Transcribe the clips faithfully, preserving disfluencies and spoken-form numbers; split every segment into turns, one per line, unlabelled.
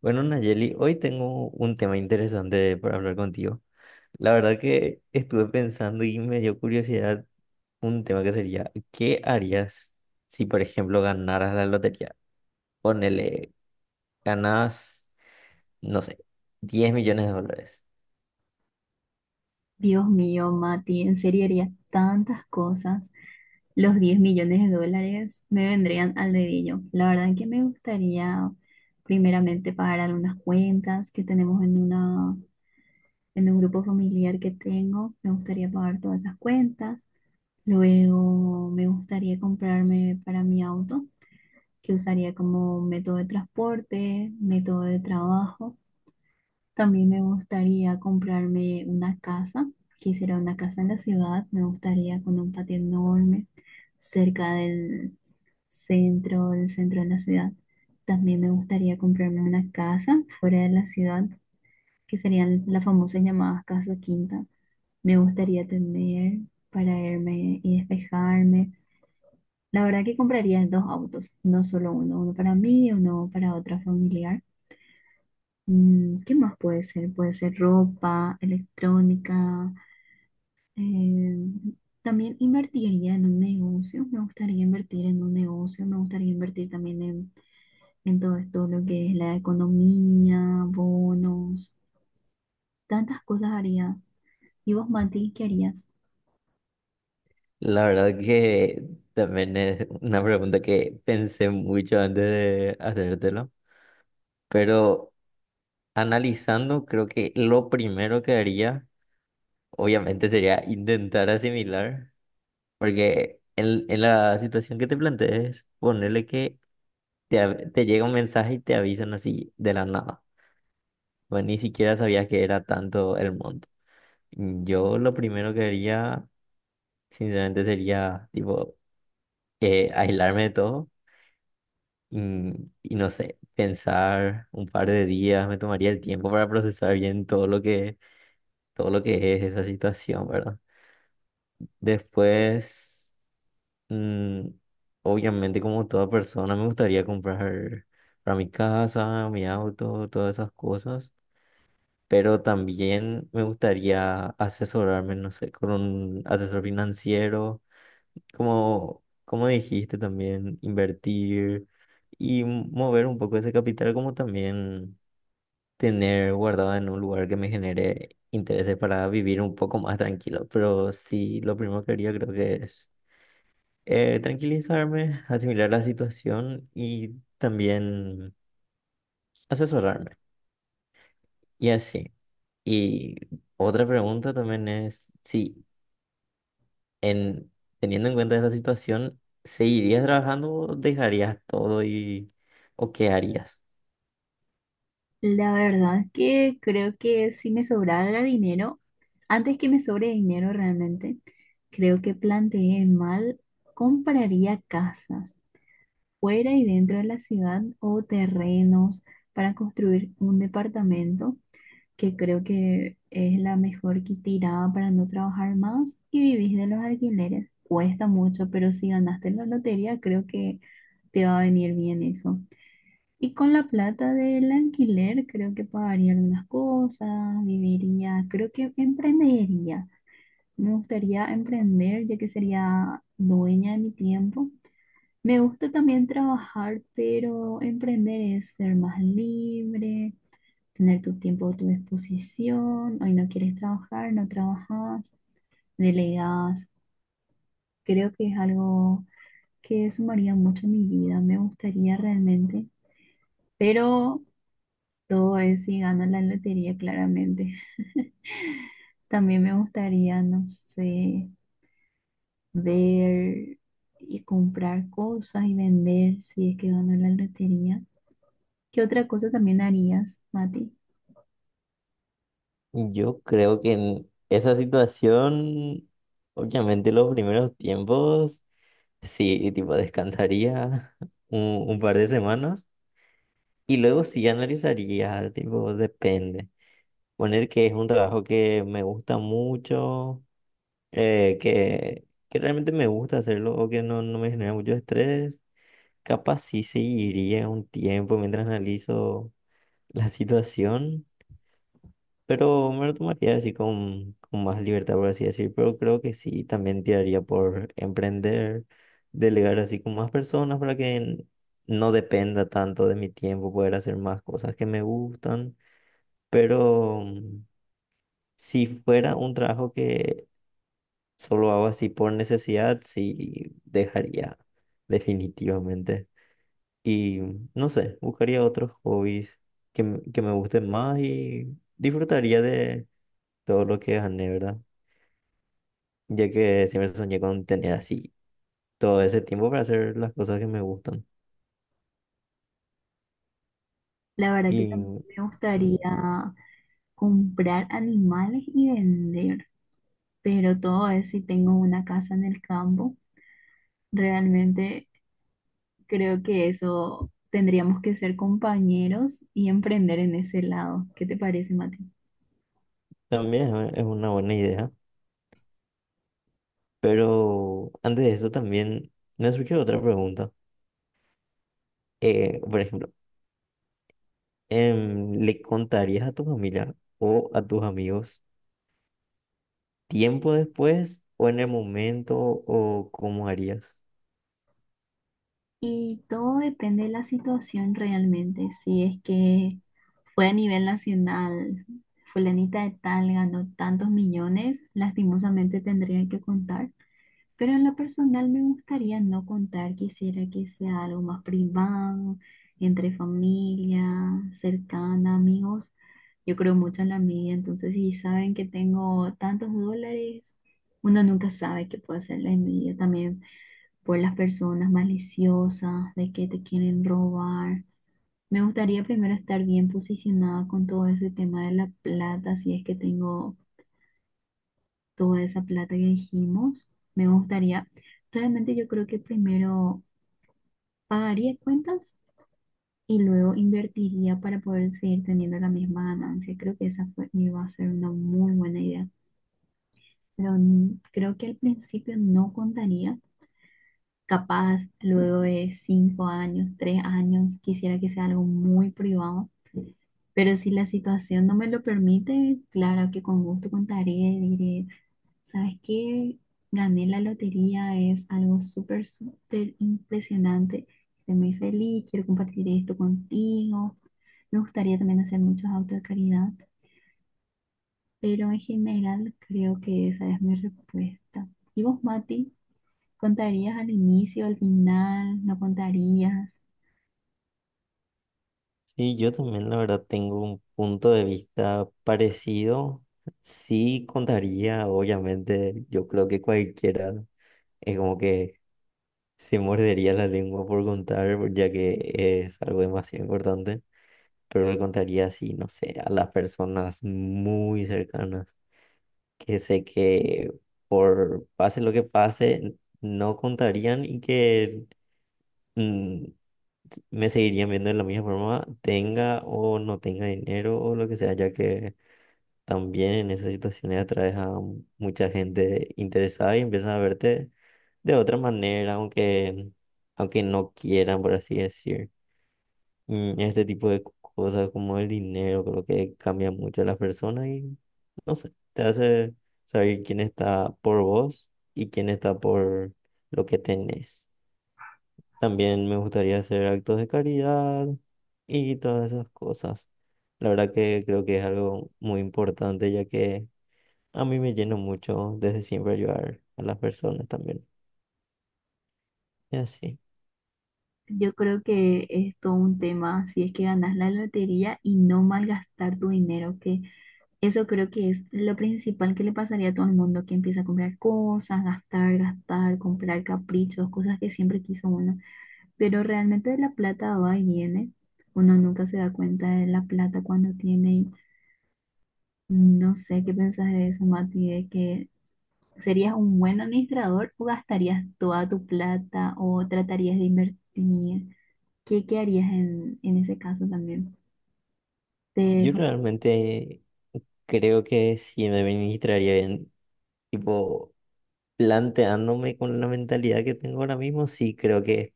Bueno, Nayeli, hoy tengo un tema interesante para hablar contigo. La verdad que estuve pensando y me dio curiosidad un tema que sería, ¿qué harías si, por ejemplo, ganaras la lotería? Ponele, ganas, no sé, diez millones de dólares.
Dios mío, Mati, en serio haría tantas cosas. Los diez millones de dólares me vendrían al dedillo. La verdad que me gustaría primeramente pagar algunas cuentas que tenemos en una, en un grupo familiar que tengo. Me gustaría pagar todas esas cuentas. Luego me gustaría comprarme para mi auto, que usaría como método de transporte, método de trabajo. También me gustaría comprarme una casa. Quisiera una casa en la ciudad. Me gustaría con un patio enorme cerca del centro, del centro de la ciudad. También me gustaría comprarme una casa fuera de la ciudad, que serían las famosas llamadas casa quinta. Me gustaría tener para irme y despejarme. La verdad que compraría dos autos, no solo uno, uno para mí y uno para otra familiar. Mm, ¿qué más puede ser? Puede ser ropa, electrónica. eh, También invertiría en un negocio. Me gustaría invertir en un negocio. Me gustaría invertir también en, en todo esto, lo que es la economía, bonos. Tantas cosas haría. ¿Y vos, Mati, qué harías?
La verdad que también es una pregunta que pensé mucho antes de hacértelo, pero analizando, creo que lo primero que haría, obviamente, sería intentar asimilar. Porque en, en la situación que te plantees, ponerle que te, av- te llega un mensaje y te avisan así de la nada. Pues ni siquiera sabías que era tanto el monto. Yo lo primero que haría, sinceramente, sería tipo eh, aislarme de todo y, y no sé, pensar un par de días, me tomaría el tiempo para procesar bien todo lo que, todo lo que es esa situación, ¿verdad? Después. Mm, Obviamente, como toda persona, me gustaría comprar para mi casa, mi auto, todas esas cosas, pero también me gustaría asesorarme, no sé, con un asesor financiero, como, como dijiste también, invertir y m- mover un poco ese capital, como también tener guardado en un lugar que me genere intereses para vivir un poco más tranquilo. Pero sí, lo primero que haría creo que es eh, tranquilizarme, asimilar la situación y también asesorarme. Y así. Y otra pregunta también es si en teniendo en cuenta esta situación, ¿seguirías trabajando o dejarías todo y o qué harías?
La verdad que creo que si me sobrara dinero, antes que me sobre dinero realmente, creo que planteé mal, compraría casas fuera y dentro de la ciudad o terrenos para construir un departamento, que creo que es la mejor que tirada para no trabajar más y vivís de los alquileres. Cuesta mucho, pero si ganaste la lotería, creo que te va a venir bien eso. Y con la plata del alquiler, creo que pagaría algunas cosas, viviría, creo que emprendería. Me gustaría emprender, ya que sería dueña de mi tiempo. Me gusta también trabajar, pero emprender es ser más libre, tener tu tiempo a tu disposición. Hoy no quieres trabajar, no trabajas, delegas. Creo que es algo que sumaría mucho a mi vida, me gustaría realmente, pero todo es si gano la lotería, claramente. También me gustaría, no sé, ver y comprar cosas y vender si es que gano la lotería. ¿Qué otra cosa también harías, Mati?
Yo creo que en esa situación, obviamente los primeros tiempos, sí, tipo descansaría un, un par de semanas y luego sí analizaría, tipo, depende. Poner que es un trabajo que me gusta mucho, eh, que, que realmente me gusta hacerlo o que no, no me genera mucho estrés. Capaz sí seguiría un tiempo mientras analizo la situación, pero me lo tomaría así con, con más libertad, por así decir. Pero creo que sí, también tiraría por emprender, delegar así con más personas para que n- no dependa tanto de mi tiempo, poder hacer más cosas que me gustan. Pero... mm, si fuera un trabajo que solo hago así por necesidad, sí dejaría definitivamente. Y no sé, buscaría otros hobbies que, me- que me gusten más y disfrutaría de todo lo que gané, ¿verdad? Ya que siempre soñé con tener así todo ese tiempo para hacer las cosas que me gustan.
La verdad que
Y
también me
mm,
gustaría comprar animales y vender, pero todo eso si tengo una casa en el campo. Realmente creo que eso tendríamos que ser compañeros y emprender en ese lado. ¿Qué te parece, Mati?
también es es una buena idea. Pero antes de eso también me surgió otra pregunta. Eh, por ejemplo, em, ¿le contarías a tu familia o a tus amigos, tiempo después o en el momento, o cómo harías?
Y todo depende de la situación realmente. Si es que fue a nivel nacional, fulanita de tal ganó tantos millones, lastimosamente tendría que contar. Pero en lo personal me gustaría no contar, quisiera que sea algo más privado, entre familia, cercana, amigos. Yo creo mucho en la media, entonces si saben que tengo tantos dólares, uno nunca sabe qué puede hacer la envidia también por las personas maliciosas, de que te quieren robar. Me gustaría primero estar bien posicionada con todo ese tema de la plata, si es que tengo toda esa plata que dijimos. Me gustaría, realmente yo creo que primero pagaría cuentas y luego invertiría para poder seguir teniendo la misma ganancia. Creo que esa fue, iba a ser una muy buena idea. Pero n- creo que al principio no contaría. Capaz luego de cinco años, tres años, quisiera que sea algo muy privado. Pero si la situación no me lo permite, claro que con gusto contaré, diré: sabes que gané la lotería, es algo súper, súper impresionante. Estoy muy feliz, quiero compartir esto contigo. Me gustaría también hacer muchos autos de caridad, pero en general creo que esa es mi respuesta. ¿Y vos, Mati? ¿Contarías al inicio, al final? ¿No contarías?
Sí, yo también la verdad tengo un punto de vista parecido. Sí contaría, obviamente, yo creo que cualquiera es como que se mordería la lengua por contar, ya que es algo demasiado importante, pero le contaría así, no sé, a las personas muy cercanas, que sé que por pase lo que pase, no contarían y que... mm, me seguirían viendo de la misma forma, tenga o no tenga dinero o lo que sea, ya que también en esas situaciones atraes a mucha gente interesada y empiezan a verte de otra manera, aunque, aunque no quieran, por así decir. Mm, Este tipo de cosas como el dinero, creo que cambia mucho a las personas y no sé, te hace saber quién está por vos y quién está por lo que tenés. También me gustaría hacer actos de caridad y todas esas cosas. La verdad que creo que es algo muy importante, ya que a mí me llena mucho desde siempre ayudar a las personas también. Y así.
Yo creo que es todo un tema, si es que ganas la lotería y no malgastar tu dinero, que eso creo que es lo principal que le pasaría a todo el mundo que empieza a comprar cosas, gastar, gastar, comprar caprichos, cosas que siempre quiso uno. Pero realmente la plata va y viene. Uno nunca se da cuenta de la plata cuando tiene. y No sé qué pensás de eso, Mati, de que serías un buen administrador o gastarías toda tu plata o tratarías de invertir. ¿Qué, ¿qué harías en, en ese caso también? Te-
Yo realmente creo que si me administraría bien, tipo planteándome con la mentalidad que tengo ahora mismo, sí creo que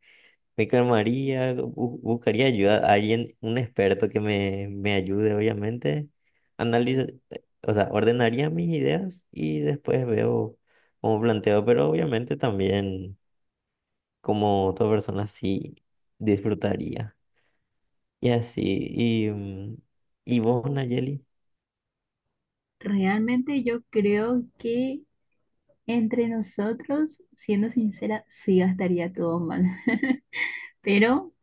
me calmaría, bu- buscaría ayuda a alguien, un experto que me, me ayude, obviamente. Analiza, o sea, ordenaría mis ideas y después veo cómo planteo, pero obviamente también como toda persona sí disfrutaría. Y así, y, mm, y vos, Nayeli,
Realmente yo creo que, entre nosotros, siendo sincera, sí gastaría todo mal, pero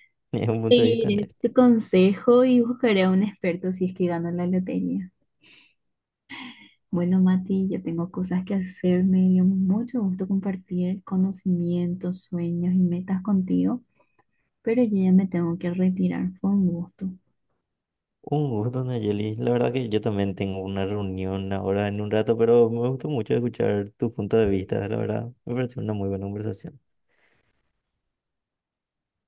es un punto de vista
seguiré
honesto.
tu consejo y buscaré a un experto si es que gano la lotería. Bueno, Mati, yo tengo cosas que hacer, me dio mucho gusto compartir conocimientos, sueños y metas contigo, pero yo ya me tengo que retirar. Fue un gusto.
Un gusto, Nayeli. La verdad que yo también tengo una reunión ahora en un rato, pero me gustó mucho escuchar tu punto de vista, la verdad. Me pareció una muy buena conversación.